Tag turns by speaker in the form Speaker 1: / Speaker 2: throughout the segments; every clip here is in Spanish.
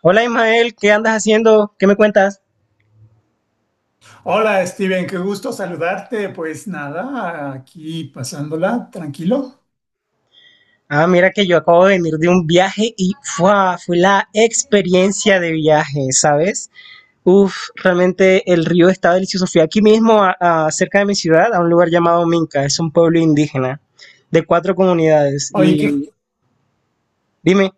Speaker 1: Hola Ismael, ¿qué andas haciendo? ¿Qué me cuentas?
Speaker 2: Hola Steven, qué gusto saludarte. Pues nada, aquí pasándola, tranquilo.
Speaker 1: Ah, mira que yo acabo de venir de un viaje y ¡fua! Fue la experiencia de viaje, ¿sabes? Uf, realmente el río está delicioso. Fui aquí mismo, cerca de mi ciudad, a un lugar llamado Minca, es un pueblo indígena de cuatro comunidades.
Speaker 2: Oye,
Speaker 1: Y dime.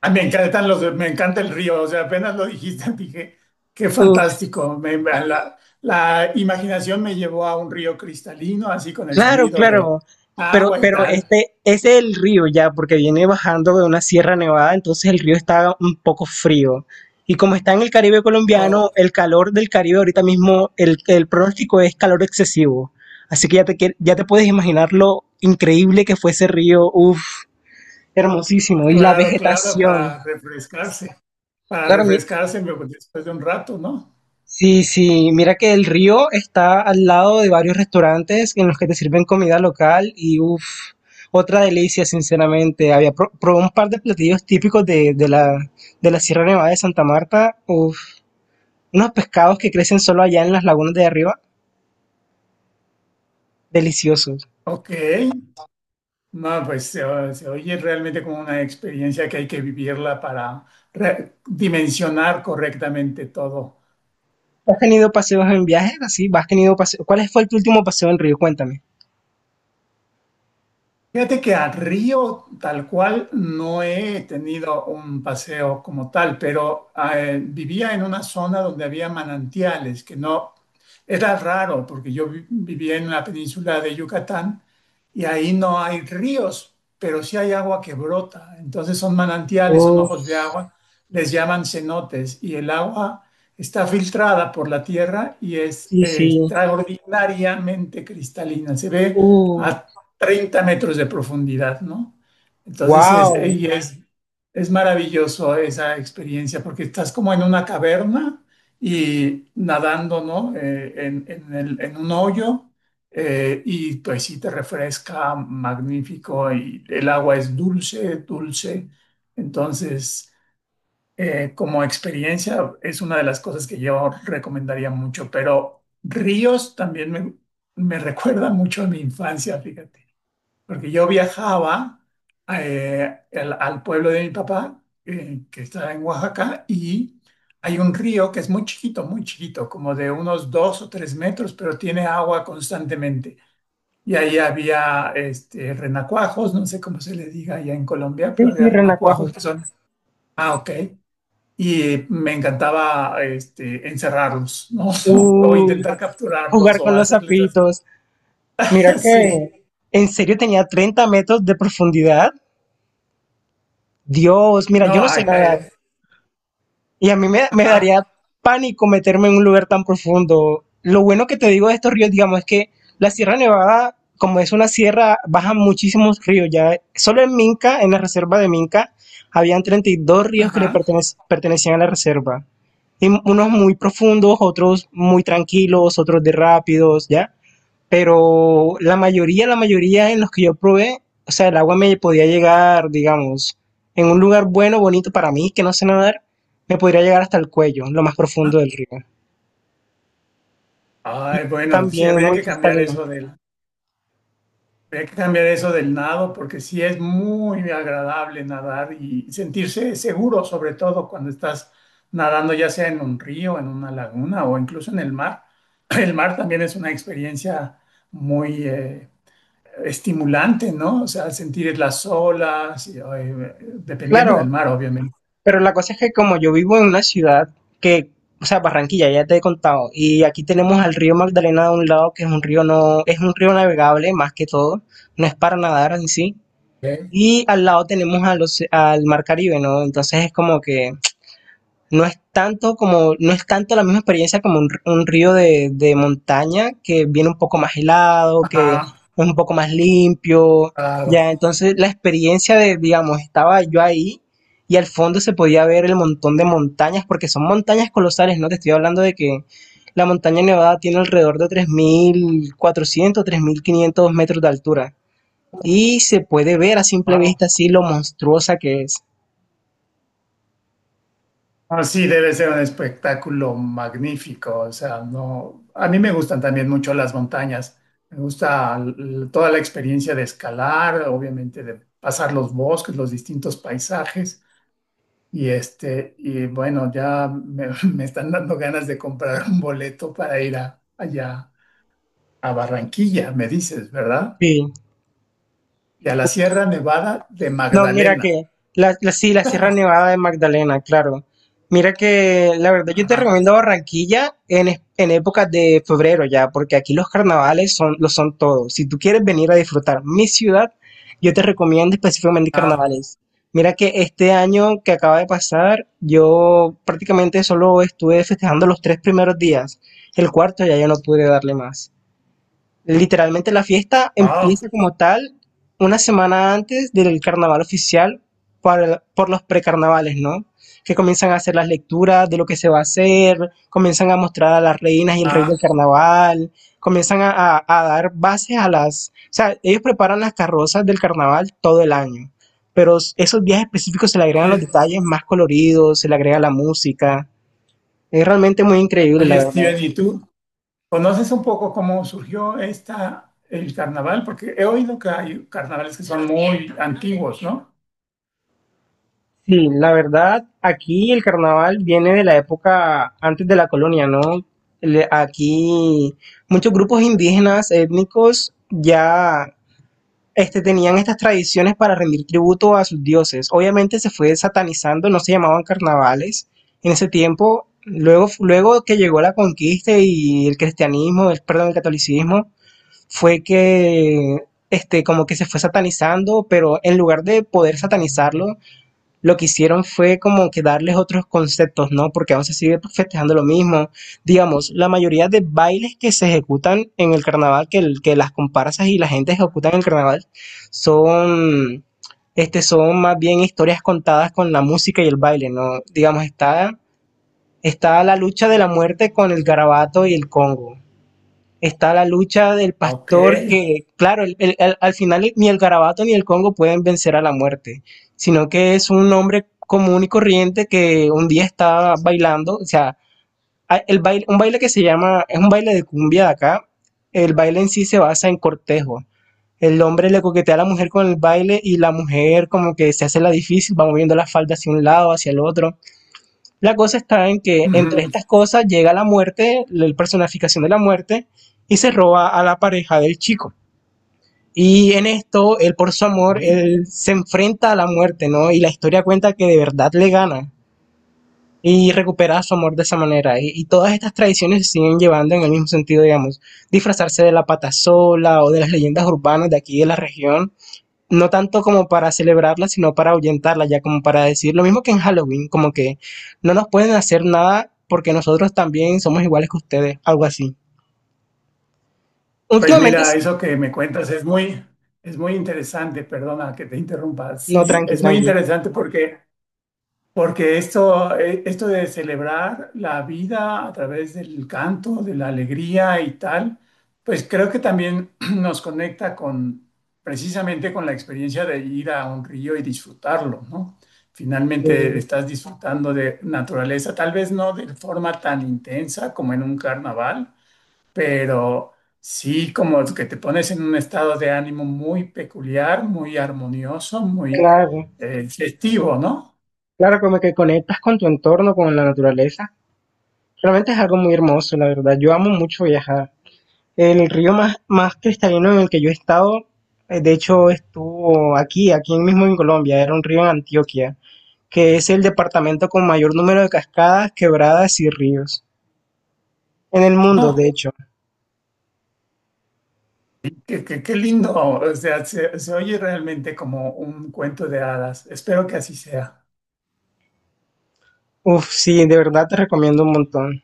Speaker 2: me encanta el río. O sea, apenas lo dijiste, dije, qué fantástico. La imaginación me llevó a un río cristalino, así con el
Speaker 1: Claro,
Speaker 2: sonido de
Speaker 1: claro. Pero,
Speaker 2: agua y
Speaker 1: pero
Speaker 2: tal.
Speaker 1: este, ese es el río ya, porque viene bajando de una sierra nevada, entonces el río está un poco frío. Y como está en el Caribe
Speaker 2: Oh,
Speaker 1: colombiano, el calor del Caribe ahorita mismo, el pronóstico es calor excesivo. Así que ya te puedes imaginar lo increíble que fue ese río. Uf, hermosísimo. Y la
Speaker 2: claro, claro,
Speaker 1: vegetación.
Speaker 2: para refrescarse, para
Speaker 1: Claro,
Speaker 2: refrescarse me- después de un rato, ¿no?
Speaker 1: sí, sí, mira que el río está al lado de varios restaurantes en los que te sirven comida local y uff, otra delicia, sinceramente. Había probé un par de platillos típicos de la Sierra Nevada de Santa Marta, uff, unos pescados que crecen solo allá en las lagunas de arriba, deliciosos.
Speaker 2: Ok. No, pues se oye realmente como una experiencia que hay que vivirla para dimensionar correctamente todo.
Speaker 1: ¿Has tenido paseos en viajes así? ¿Has tenido paseo? ¿Cuál fue tu último paseo en río? Cuéntame.
Speaker 2: Fíjate que a Río tal cual no he tenido un paseo como tal, pero vivía en una zona donde había manantiales, que no era raro porque yo vivía en la península de Yucatán y ahí no hay ríos, pero sí hay agua que brota. Entonces son manantiales, son ojos
Speaker 1: Uff,
Speaker 2: de agua, les llaman cenotes y el agua está filtrada por la tierra y es
Speaker 1: sí, sí.
Speaker 2: extraordinariamente cristalina. Se ve
Speaker 1: Uh,
Speaker 2: a 30 metros de profundidad, ¿no? Entonces es,
Speaker 1: wow.
Speaker 2: y es, es maravilloso esa experiencia porque estás como en una caverna y nadando, ¿no? En un hoyo, y pues sí te refresca, magnífico, y el agua es dulce, dulce. Entonces, como experiencia es una de las cosas que yo recomendaría mucho, pero ríos también me recuerda mucho a mi infancia, fíjate. Porque yo viajaba al pueblo de mi papá, que está en Oaxaca, y hay un río que es muy chiquito, como de unos 2 o 3 metros, pero tiene agua constantemente. Y ahí había este, renacuajos, no sé cómo se le diga allá en Colombia, pero
Speaker 1: Sí,
Speaker 2: había
Speaker 1: sí,
Speaker 2: renacuajos
Speaker 1: renacuajo.
Speaker 2: que son, ah, ok. Y me encantaba este, encerrarlos, ¿no? O,
Speaker 1: Uh,
Speaker 2: intentar capturarlos
Speaker 1: jugar
Speaker 2: o
Speaker 1: con los
Speaker 2: hacerles así.
Speaker 1: zapitos. Mira
Speaker 2: Sí,
Speaker 1: que en serio tenía 30 metros de profundidad. Dios, mira, yo
Speaker 2: no,
Speaker 1: no sé
Speaker 2: acá,
Speaker 1: nadar. Y a mí me
Speaker 2: ajá,
Speaker 1: daría pánico meterme en un lugar tan profundo. Lo bueno que te digo de estos ríos, digamos, es que la Sierra Nevada, como es una sierra, bajan muchísimos ríos. Ya solo en Minca, en la reserva de Minca, habían 32 ríos que le
Speaker 2: ajá.
Speaker 1: pertenecían a la reserva. Y unos muy profundos, otros muy tranquilos, otros de rápidos, ¿ya? Pero la mayoría en los que yo probé, o sea, el agua me podía llegar, digamos, en un lugar bueno, bonito para mí, que no sé nadar, me podría llegar hasta el cuello, lo más profundo del río. Y
Speaker 2: Ay, bueno, sí,
Speaker 1: también muy cristalino.
Speaker 2: habría que cambiar eso del nado, porque sí es muy agradable nadar y sentirse seguro, sobre todo cuando estás nadando, ya sea en un río, en una laguna o incluso en el mar. El mar también es una experiencia muy estimulante, ¿no? O sea, sentir las olas, y, ay, dependiendo del
Speaker 1: Claro,
Speaker 2: mar, obviamente.
Speaker 1: pero la cosa es que como yo vivo en una ciudad que, o sea, Barranquilla, ya te he contado, y aquí tenemos al río Magdalena de un lado, que es un río no, es un río navegable más que todo, no es para nadar en sí.
Speaker 2: ¿Ok?
Speaker 1: Y al lado tenemos al Mar Caribe, ¿no? Entonces es como que no es tanto como, no es tanto la misma experiencia como un río de montaña que viene un poco más helado, que es
Speaker 2: Ajá,
Speaker 1: un poco más limpio.
Speaker 2: claro.
Speaker 1: Ya, entonces la experiencia de, digamos, estaba yo ahí y al fondo se podía ver el montón de montañas, porque son montañas colosales, ¿no? Te estoy hablando de que la montaña Nevada tiene alrededor de 3.400 3.500 metros de altura. Y se puede ver a simple
Speaker 2: Wao.
Speaker 1: vista así lo monstruosa que es.
Speaker 2: Ah, sí, debe ser un espectáculo magnífico. O sea, no, a mí me gustan también mucho las montañas. Me gusta toda la experiencia de escalar, obviamente de pasar los bosques, los distintos paisajes. Y este, y bueno, ya me están dando ganas de comprar un boleto para ir allá a Barranquilla, me dices, ¿verdad?
Speaker 1: Sí.
Speaker 2: Y a la Sierra Nevada de
Speaker 1: No, mira
Speaker 2: Magdalena.
Speaker 1: que sí, la Sierra Nevada de Magdalena, claro. Mira que la verdad yo te
Speaker 2: Ajá.
Speaker 1: recomiendo Barranquilla en, en épocas de febrero ya, porque aquí los carnavales son, lo son todo. Si tú quieres venir a disfrutar mi ciudad, yo te recomiendo específicamente
Speaker 2: Ah,
Speaker 1: carnavales. Mira que este año que acaba de pasar, yo prácticamente solo estuve festejando los tres primeros días. El cuarto ya yo no pude darle más. Literalmente la fiesta
Speaker 2: wow.
Speaker 1: empieza como tal una semana antes del carnaval oficial para por los precarnavales, ¿no? Que comienzan a hacer las lecturas de lo que se va a hacer, comienzan a mostrar a las reinas y el rey del
Speaker 2: Ah.
Speaker 1: carnaval, comienzan a, a dar bases a las... O sea, ellos preparan las carrozas del carnaval todo el año, pero esos días específicos se le agregan los
Speaker 2: Oye,
Speaker 1: detalles más coloridos, se le agrega la música. Es realmente muy increíble, la
Speaker 2: oye,
Speaker 1: verdad.
Speaker 2: Steven, ¿y tú? ¿Conoces un poco cómo surgió esta, el carnaval? Porque he oído que hay carnavales que son muy antiguos, ¿no?
Speaker 1: Sí, la verdad, aquí el carnaval viene de la época antes de la colonia, ¿no? Aquí muchos grupos indígenas étnicos ya tenían estas tradiciones para rendir tributo a sus dioses. Obviamente se fue satanizando, no se llamaban carnavales en ese tiempo. Luego que llegó la conquista y el cristianismo, el, perdón, el catolicismo, fue que como que se fue satanizando, pero en lugar de poder satanizarlo, lo que hicieron fue como que darles otros conceptos, ¿no? Porque aún se sigue festejando lo mismo. Digamos, la mayoría de bailes que se ejecutan en el carnaval, que, que las comparsas y la gente ejecutan en el carnaval, son, son más bien historias contadas con la música y el baile, ¿no? Digamos, está, está la lucha de la muerte con el garabato y el congo, está la lucha del
Speaker 2: Ah, ok.
Speaker 1: pastor que, claro, al final ni el garabato ni el Congo pueden vencer a la muerte, sino que es un hombre común y corriente que un día está bailando, o sea, el baile, un baile que se llama, es un baile de cumbia de acá, el baile en sí se basa en cortejo. El hombre le coquetea a la mujer con el baile y la mujer como que se hace la difícil, va moviendo la falda hacia un lado, hacia el otro. La cosa está en que entre
Speaker 2: Ujú.
Speaker 1: estas cosas llega la muerte, la personificación de la muerte, y se roba a la pareja del chico. Y en esto, él por su amor, él se enfrenta a la muerte, ¿no? Y la historia cuenta que de verdad le gana y recupera su amor de esa manera. Y todas estas tradiciones se siguen llevando en el mismo sentido, digamos, disfrazarse de la patasola o de las leyendas urbanas de aquí de la región, no tanto como para celebrarla, sino para ahuyentarla, ya como para decir lo mismo que en Halloween, como que no nos pueden hacer nada porque nosotros también somos iguales que ustedes, algo así.
Speaker 2: Pues
Speaker 1: Últimamente,
Speaker 2: mira, eso que me cuentas es muy, interesante. Perdona que te interrumpa.
Speaker 1: no,
Speaker 2: Sí,
Speaker 1: tranqui,
Speaker 2: es muy
Speaker 1: tranqui.
Speaker 2: interesante porque esto de celebrar la vida a través del canto, de la alegría y tal, pues creo que también nos conecta con precisamente con la experiencia de ir a un río y disfrutarlo, ¿no? Finalmente
Speaker 1: Eh,
Speaker 2: estás disfrutando de naturaleza, tal vez no de forma tan intensa como en un carnaval, pero sí como que te pones en un estado de ánimo muy peculiar, muy armonioso, muy
Speaker 1: claro,
Speaker 2: festivo, ¿no?
Speaker 1: claro, como que conectas con tu entorno, con la naturaleza. Realmente es algo muy hermoso, la verdad. Yo amo mucho viajar. El río más cristalino en el que yo he estado, de hecho, estuvo aquí, aquí mismo en Colombia, era un río en Antioquia, que es el departamento con mayor número de cascadas, quebradas y ríos en el mundo, de hecho.
Speaker 2: Qué, qué lindo, o sea, se oye realmente como un cuento de hadas. Espero que así sea.
Speaker 1: Uf, sí, de verdad te recomiendo un montón.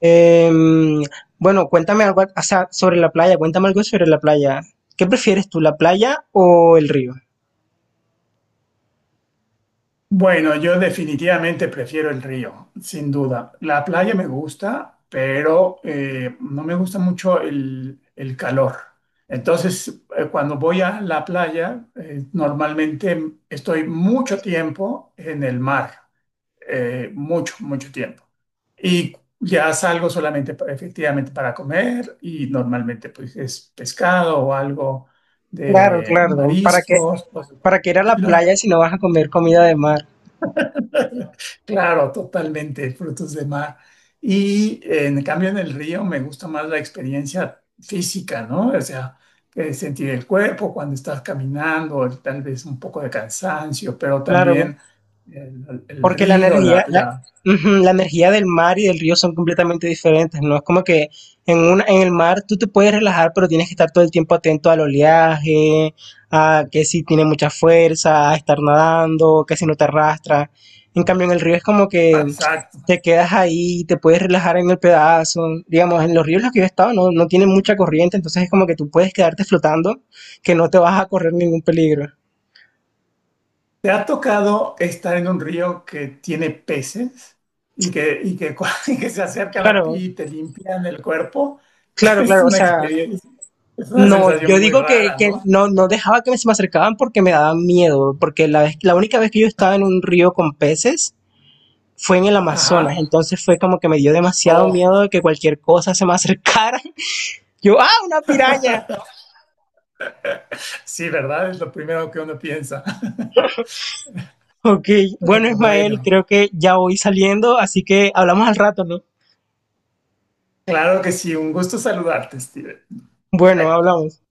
Speaker 1: Em, bueno, cuéntame algo, o sea, sobre la playa, cuéntame algo sobre la playa. ¿Qué prefieres tú, la playa o el río?
Speaker 2: Bueno, yo definitivamente prefiero el río, sin duda. La playa me gusta, pero no me gusta mucho el calor. Entonces, cuando voy a la playa, normalmente estoy mucho tiempo en el mar. Mucho, mucho tiempo. Y ya salgo solamente efectivamente para comer y normalmente pues es pescado o algo
Speaker 1: Claro,
Speaker 2: de
Speaker 1: claro,
Speaker 2: mariscos, cosas por
Speaker 1: ¿para
Speaker 2: el
Speaker 1: qué ir a la
Speaker 2: estilo.
Speaker 1: playa si no vas a comer comida de mar?
Speaker 2: Claro, totalmente, frutos de mar. Y en cambio en el río me gusta más la experiencia física, ¿no? O sea, sentir el cuerpo cuando estás caminando, tal vez un poco de cansancio, pero
Speaker 1: Claro.
Speaker 2: también el
Speaker 1: Porque la
Speaker 2: río.
Speaker 1: energía, la, ujú, la energía del mar y del río son completamente diferentes, ¿no? Es como que en una, en el mar tú te puedes relajar, pero tienes que estar todo el tiempo atento al oleaje, a que si tiene mucha fuerza, a estar nadando, que si no te arrastra. En cambio, en el río es como que
Speaker 2: La,
Speaker 1: te quedas ahí, te puedes relajar en el pedazo. Digamos, en los ríos en los que yo he estado no, no tienen mucha corriente, entonces es como que tú puedes quedarte flotando, que no te vas a correr ningún peligro.
Speaker 2: ¿Te ha tocado estar en un río que tiene peces y y que se acercan a ti
Speaker 1: Claro,
Speaker 2: y te limpian el cuerpo?
Speaker 1: claro,
Speaker 2: Es
Speaker 1: claro. O
Speaker 2: una
Speaker 1: sea,
Speaker 2: experiencia, es una
Speaker 1: no, yo
Speaker 2: sensación muy
Speaker 1: digo
Speaker 2: rara,
Speaker 1: que
Speaker 2: ¿no?
Speaker 1: no, no dejaba que se me acercaban porque me daban miedo, porque la vez, la única vez que yo estaba en un río con peces fue en el Amazonas,
Speaker 2: Ajá.
Speaker 1: entonces fue como que me dio demasiado
Speaker 2: Oh,
Speaker 1: miedo de que cualquier cosa se me acercara. Yo, ah, una piraña.
Speaker 2: sí, ¿verdad? Es lo primero que uno piensa.
Speaker 1: Ok, bueno,
Speaker 2: Pero
Speaker 1: Ismael,
Speaker 2: bueno,
Speaker 1: creo que ya voy saliendo, así que hablamos al rato, ¿no?
Speaker 2: claro que sí, un gusto saludarte, Steven.
Speaker 1: Bueno, hablamos.